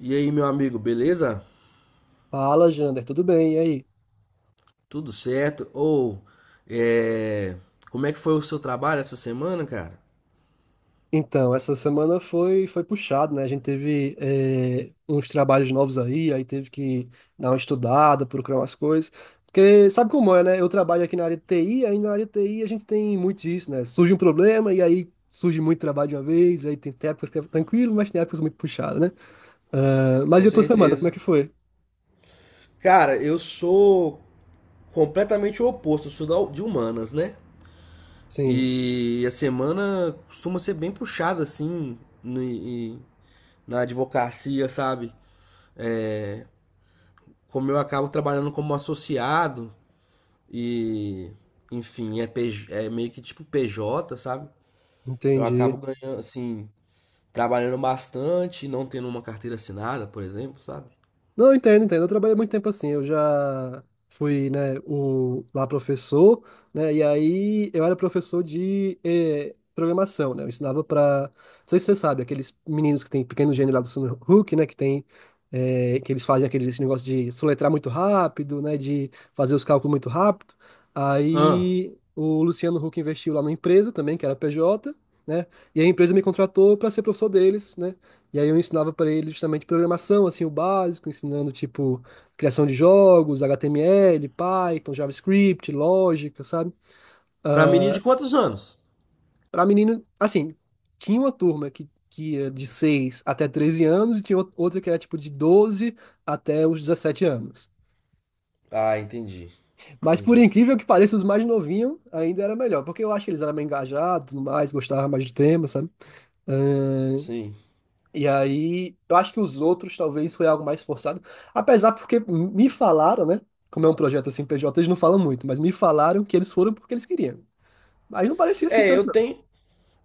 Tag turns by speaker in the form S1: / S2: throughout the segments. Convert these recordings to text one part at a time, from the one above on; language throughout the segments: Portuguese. S1: E aí, meu amigo, beleza?
S2: Fala, Jander, tudo bem? E aí?
S1: Tudo certo? É, como é que foi o seu trabalho essa semana, cara?
S2: Então, essa semana foi puxado, né? A gente teve uns trabalhos novos aí, aí teve que dar uma estudada, procurar umas coisas. Porque sabe como é, né? Eu trabalho aqui na área de TI, aí na área de TI a gente tem muito disso, né? Surge um problema e aí surge muito trabalho de uma vez, aí tem épocas que é tranquilo, mas tem épocas muito puxadas, né? Ah, mas
S1: Com
S2: e a tua semana, como é
S1: certeza.
S2: que foi?
S1: Cara, eu sou completamente o oposto, eu sou de humanas, né?
S2: Sim,
S1: E a semana costuma ser bem puxada, assim, na advocacia, sabe? É, como eu acabo trabalhando como associado e, enfim, PJ é meio que tipo PJ, sabe? Eu acabo
S2: entendi.
S1: ganhando, assim, trabalhando bastante, não tendo uma carteira assinada, por exemplo, sabe?
S2: Não, entendo, entendo. Eu trabalhei muito tempo assim. Eu já fui, né, o, lá professor, né? E aí eu era professor de programação, né? Eu ensinava para, não sei se você sabe, aqueles meninos que tem pequeno gênio lá do Sun Hook, né? Que tem, que eles fazem aquele esse negócio de soletrar muito rápido, né? De fazer os cálculos muito rápido.
S1: Ah,
S2: Aí o Luciano Huck investiu lá na empresa também, que era PJ, né? E a empresa me contratou para ser professor deles, né? E aí eu ensinava para ele justamente programação, assim, o básico, ensinando tipo criação de jogos, HTML, Python, JavaScript, lógica, sabe?
S1: pra menino de quantos anos?
S2: Para menino, assim, tinha uma turma que ia de 6 até 13 anos e tinha outra que era tipo de 12 até os 17 anos.
S1: Ah, entendi,
S2: Mas por
S1: entendi.
S2: incrível que pareça, os mais novinhos ainda era melhor, porque eu acho que eles eram mais engajados, e tudo mais, gostavam mais do tema, sabe?
S1: Sim.
S2: E aí, eu acho que os outros talvez foi algo mais forçado. Apesar porque me falaram, né? Como é um projeto assim, PJ, eles não falam muito, mas me falaram que eles foram porque eles queriam. Mas não parecia assim
S1: É,
S2: tanto, não.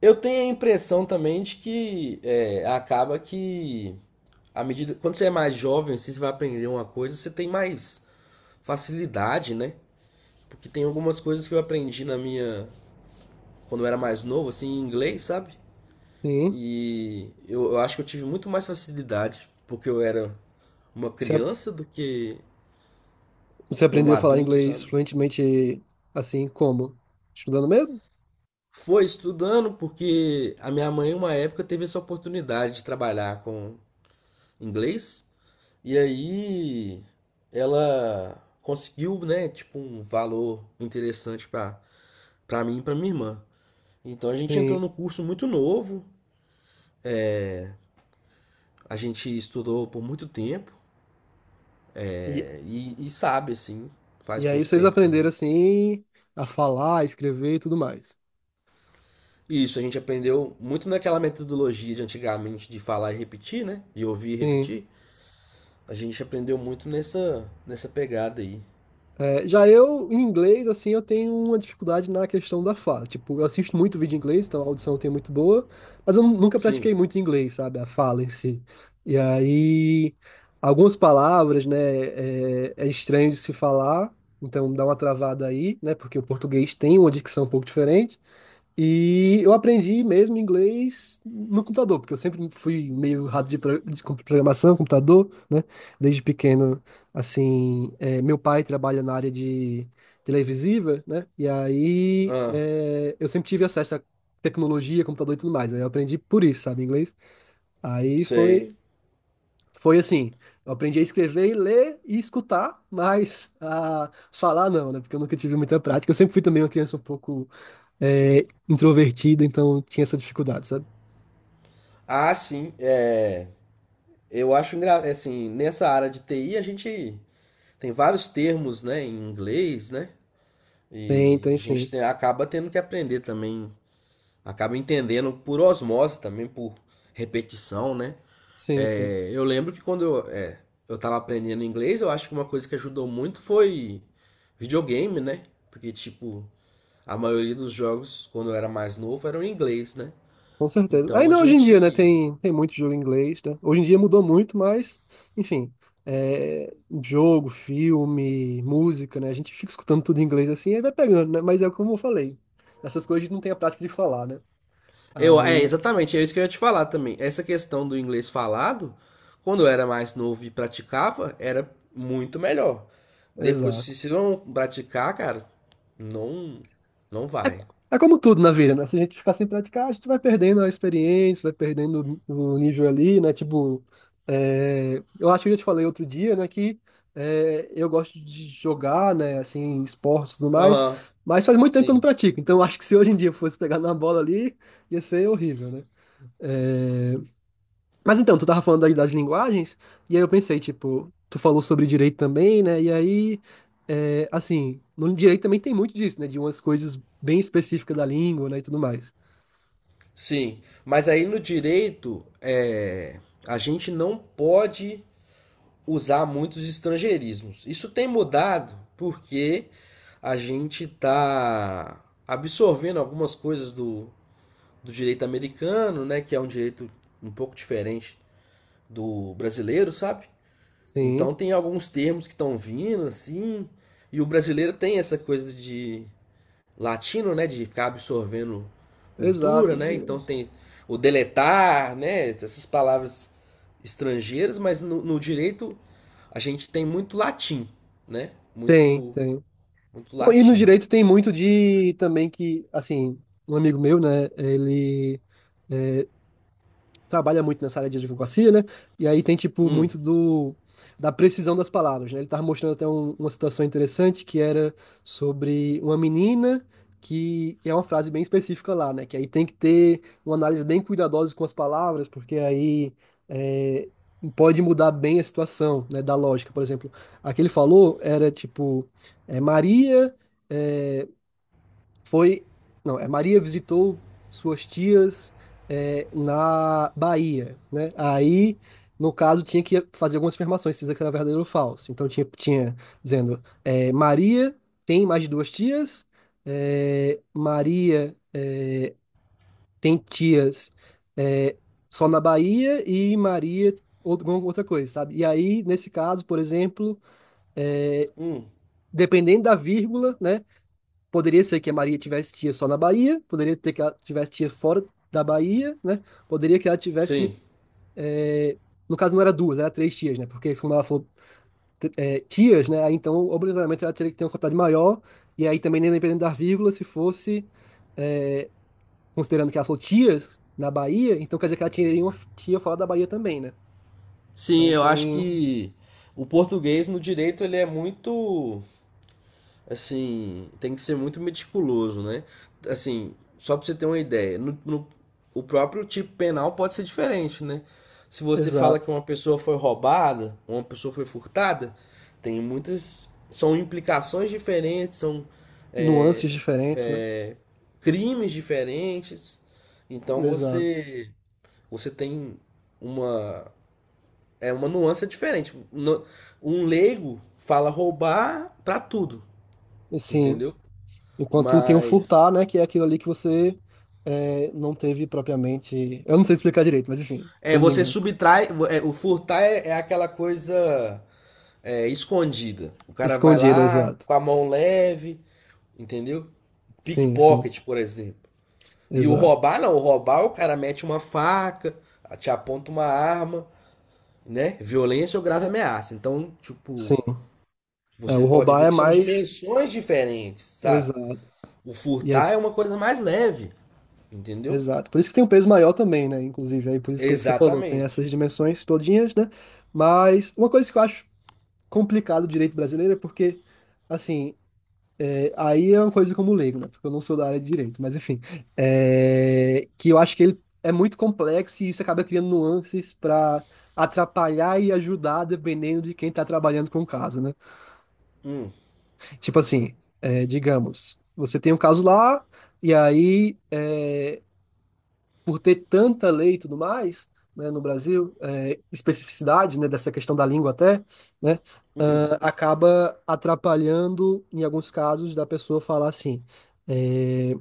S1: eu tenho a impressão também de que acaba que à medida, quando você é mais jovem, assim, você vai aprender uma coisa, você tem mais facilidade, né? Porque tem algumas coisas que eu aprendi na minha, quando eu era mais novo, assim, em inglês, sabe?
S2: Sim.
S1: E eu acho que eu tive muito mais facilidade porque eu era uma
S2: Você,
S1: criança do que
S2: você
S1: como
S2: aprendeu a falar
S1: adulto,
S2: inglês
S1: sabe?
S2: fluentemente assim como? Estudando mesmo?
S1: Foi estudando porque a minha mãe, uma época, teve essa oportunidade de trabalhar com inglês e aí ela conseguiu, né, tipo, um valor interessante para para mim e para minha irmã. Então a gente entrou
S2: Sim.
S1: no curso muito novo, a gente estudou por muito tempo
S2: E,
S1: e sabe, assim,
S2: e
S1: faz
S2: aí
S1: muito
S2: vocês
S1: tempo
S2: aprenderam
S1: também.
S2: assim a falar, a escrever e tudo mais.
S1: Isso, a gente aprendeu muito naquela metodologia de antigamente de falar e repetir, né? De ouvir e
S2: Sim.
S1: repetir. A gente aprendeu muito nessa pegada aí.
S2: É, já eu, em inglês, assim, eu tenho uma dificuldade na questão da fala. Tipo, eu assisto muito vídeo em inglês, então a audição tem muito boa, mas eu nunca
S1: Sim.
S2: pratiquei muito inglês, sabe? A fala em si. E aí, algumas palavras, né, é estranho de se falar, então dá uma travada aí, né? Porque o português tem uma dicção um pouco diferente. E eu aprendi mesmo inglês no computador, porque eu sempre fui meio rato de, programação, computador, né? Desde pequeno, assim, meu pai trabalha na área de televisiva, né? E aí
S1: Ah,
S2: eu sempre tive acesso a tecnologia, computador e tudo mais. Aí eu aprendi por isso, sabe, inglês. Aí
S1: sei.
S2: foi, foi assim, eu aprendi a escrever, ler e escutar, mas a falar não, né? Porque eu nunca tive muita prática. Eu sempre fui também uma criança um pouco é, introvertido, então tinha essa dificuldade, sabe?
S1: Ah, sim. É, eu acho assim, nessa área de TI a gente tem vários termos, né, em inglês, né?
S2: Tem,
S1: E a
S2: tem
S1: gente
S2: sim.
S1: acaba tendo que aprender também, acaba entendendo por osmose também, por repetição, né?
S2: Sim, sim.
S1: É, eu lembro que quando eu tava aprendendo inglês, eu acho que uma coisa que ajudou muito foi videogame, né? Porque, tipo, a maioria dos jogos, quando eu era mais novo, eram em inglês, né?
S2: Com certeza.
S1: Então a
S2: Ainda hoje em dia, né?
S1: gente.
S2: Tem, tem muito jogo em inglês, né? Hoje em dia mudou muito, mas, enfim. é, Jogo, filme, música, né? A gente fica escutando tudo em inglês assim e vai pegando, né? Mas é como eu falei. Essas coisas a gente não tem a prática de falar, né? Aí,
S1: Exatamente, é isso que eu ia te falar também. Essa questão do inglês falado, quando eu era mais novo e praticava, era muito melhor. Depois,
S2: exato.
S1: se você não praticar, cara, não, não vai.
S2: É, é como tudo na vida, né? Se a gente ficar sem praticar, a gente vai perdendo a experiência, vai perdendo o nível ali, né? Tipo, eu acho que eu te falei outro dia, né? Que eu gosto de jogar, né? Assim, esportes e tudo mais,
S1: Aham,
S2: mas faz muito tempo que eu não
S1: sim,
S2: pratico. Então, eu acho que se hoje em dia eu fosse pegar na bola ali, ia ser horrível, né? É, mas então, tu tava falando aí das linguagens, e aí eu pensei, tipo, tu falou sobre direito também, né? E aí, é, assim, no direito também tem muito disso, né? De umas coisas bem específicas da língua, né? E tudo mais.
S1: sim. Mas aí no direito, a gente não pode usar muitos estrangeirismos. Isso tem mudado porque a gente está absorvendo algumas coisas do direito americano, né, que é um direito um pouco diferente do brasileiro, sabe?
S2: Sim,
S1: Então tem alguns termos que estão vindo assim, e o brasileiro tem essa coisa de latino, né, de ficar absorvendo cultura,
S2: exato.
S1: né? Então tem o deletar, né, essas palavras estrangeiras, mas no direito a gente tem muito latim, né?
S2: Tem,
S1: Muito,
S2: tem.
S1: muito
S2: E no
S1: latim.
S2: direito tem muito de também que, assim, um amigo meu, né? Ele trabalha muito nessa área de advocacia, né? E aí tem, tipo,
S1: Hum,
S2: muito do da precisão das palavras, né? Ele tava mostrando até uma situação interessante que era sobre uma menina que é uma frase bem específica lá, né? Que aí tem que ter uma análise bem cuidadosa com as palavras, porque aí é, pode mudar bem a situação, né? Da lógica, por exemplo. A que ele falou era, tipo, é, Maria... é, foi, não, é Maria visitou suas tias na Bahia, né? Aí, no caso, tinha que fazer algumas afirmações, se isso aqui era verdadeiro ou falso. Então tinha dizendo, é, Maria tem mais de duas tias, Maria tem tias é, só na Bahia e Maria outra, alguma outra coisa, sabe? E aí, nesse caso, por exemplo, é,
S1: hum,
S2: dependendo da vírgula, né? Poderia ser que a Maria tivesse tia só na Bahia, poderia ter que ela tivesse tia fora da Bahia, né? Poderia que ela tivesse.
S1: sim.
S2: eh, No caso, não era duas, era três tias, né? Porque como ela falou tias, né? Aí então, obrigatoriamente, ela teria que ter uma quantidade maior. E aí também, nem dependendo da vírgula, se fosse. eh, Considerando que ela falou tias na Bahia, então quer dizer que ela tinha uma tia fora da Bahia também, né?
S1: Sim,
S2: Então
S1: eu acho
S2: tem.
S1: que o português no direito ele é muito assim, tem que ser muito meticuloso, né? Assim, só pra você ter uma ideia, o próprio tipo penal pode ser diferente, né? Se você fala
S2: Exato.
S1: que uma pessoa foi roubada, uma pessoa foi furtada, tem muitas. São implicações diferentes, são é,
S2: Nuances diferentes, né?
S1: é, crimes diferentes. Então
S2: Exato.
S1: você tem uma é uma nuance diferente. No- Um leigo fala roubar pra tudo,
S2: Assim.
S1: entendeu?
S2: Enquanto tem o
S1: Mas.
S2: furtar, né? Que é aquilo ali que você não teve propriamente. Eu não sei explicar direito, mas enfim, se
S1: É,
S2: eu não me
S1: você
S2: engano.
S1: subtrai. O furtar é aquela coisa escondida. O cara vai
S2: Escondido,
S1: lá
S2: exato.
S1: com a mão leve, entendeu?
S2: Sim, sim,
S1: Pickpocket, por exemplo. E o
S2: exato.
S1: roubar, não. O roubar, o cara mete uma faca, te aponta uma arma, né? Violência ou grave ameaça. Então, tipo,
S2: Sim. É,
S1: você
S2: o
S1: pode
S2: roubar
S1: ver
S2: é
S1: que são
S2: mais.
S1: dimensões diferentes, sabe?
S2: Exato.
S1: O
S2: E aí,
S1: furtar é uma coisa mais leve, entendeu?
S2: exato. Por isso que tem um peso maior também, né? Inclusive, aí por isso que é que você falou, tem
S1: Exatamente.
S2: essas dimensões todinhas, né? Mas uma coisa que eu acho complicado do direito brasileiro é porque, assim, aí é uma coisa como leigo, né? Porque eu não sou da área de direito, mas enfim. É, que eu acho que ele é muito complexo e isso acaba criando nuances para atrapalhar e ajudar, dependendo de quem tá trabalhando com o caso, né? Tipo assim, é, digamos, você tem um caso lá, e aí, é, por ter tanta lei e tudo mais, né, no Brasil, é, especificidade, né, dessa questão da língua até, né? Ah, acaba atrapalhando, em alguns casos, da pessoa falar assim. é,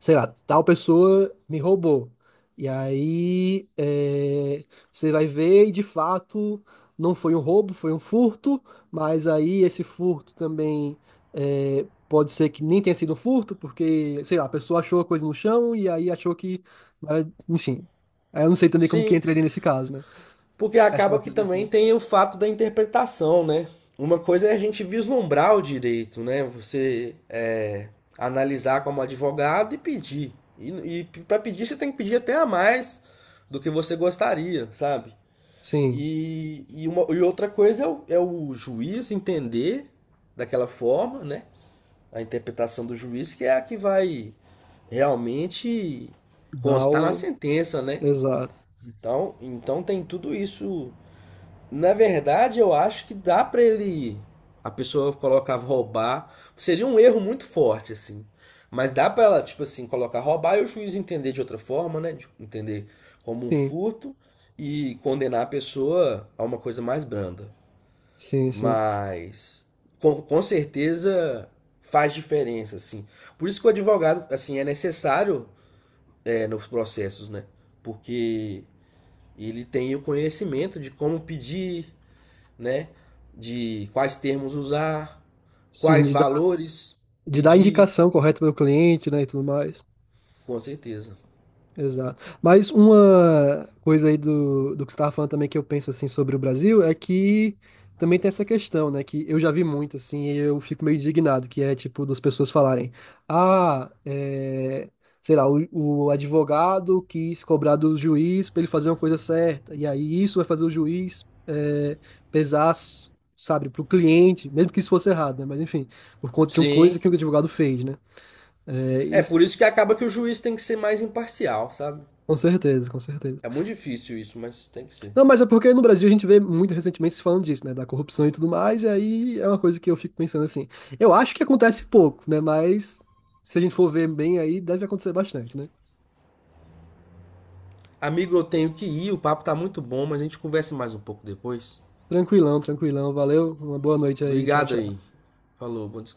S2: Sei lá, tal pessoa me roubou. E aí é, você vai ver e de fato não foi um roubo, foi um furto, mas aí esse furto também pode ser que nem tenha sido um furto, porque, sei lá, a pessoa achou a coisa no chão e aí achou que. Enfim. Aí eu não sei também como que
S1: Sim,
S2: entraria nesse caso, né?
S1: porque
S2: Achar
S1: acaba
S2: uma
S1: que
S2: coisa no
S1: também
S2: chão.
S1: tem o fato da interpretação, né? Uma coisa é a gente vislumbrar o direito, né? Você analisar como advogado e pedir. E, e para pedir, você tem que pedir até a mais do que você gostaria, sabe?
S2: Sim,
S1: E outra coisa é é o juiz entender daquela forma, né? A interpretação do juiz, que é a que vai realmente
S2: dá
S1: constar na
S2: o.
S1: sentença, né?
S2: Exato.
S1: Então, então tem tudo isso na verdade, eu acho que dá pra ele ir. A pessoa colocava roubar. Seria um erro muito forte, assim. Mas dá pra ela, tipo assim, colocar roubar e o juiz entender de outra forma, né? De entender como um
S2: Sim,
S1: furto e condenar a pessoa a uma coisa mais branda.
S2: sim, sim.
S1: Mas com certeza faz diferença, assim. Por isso que o advogado, assim, é necessário nos processos, né? Porque ele tem o conhecimento de como pedir, né? De quais termos usar,
S2: Sim,
S1: quais valores
S2: de dar
S1: pedir,
S2: indicação correta para o cliente, né, e tudo mais.
S1: com certeza.
S2: Exato. Mas uma coisa aí do, do que você estava falando também que eu penso assim sobre o Brasil é que também tem essa questão, né? Que eu já vi muito assim e eu fico meio indignado, que é tipo das pessoas falarem, ah, é, sei lá, o advogado quis cobrar do juiz para ele fazer uma coisa certa, e aí isso vai fazer o juiz pesar, sabe, para o cliente, mesmo que isso fosse errado, né? Mas enfim, por conta de uma coisa
S1: Sim.
S2: que o advogado fez, né? É,
S1: É
S2: isso,
S1: por isso que acaba que o juiz tem que ser mais imparcial, sabe?
S2: com certeza, com certeza.
S1: É muito difícil isso, mas tem que ser.
S2: Não, mas é porque no Brasil a gente vê muito recentemente se falando disso, né? Da corrupção e tudo mais, e aí é uma coisa que eu fico pensando assim. Eu acho que acontece pouco, né? Mas se a gente for ver bem aí, deve acontecer bastante, né?
S1: Amigo, eu tenho que ir, o papo tá muito bom, mas a gente conversa mais um pouco depois.
S2: Tranquilão, tranquilão. Valeu, uma boa noite aí. Tchau,
S1: Obrigado aí.
S2: tchau.
S1: Falou, bom descanso.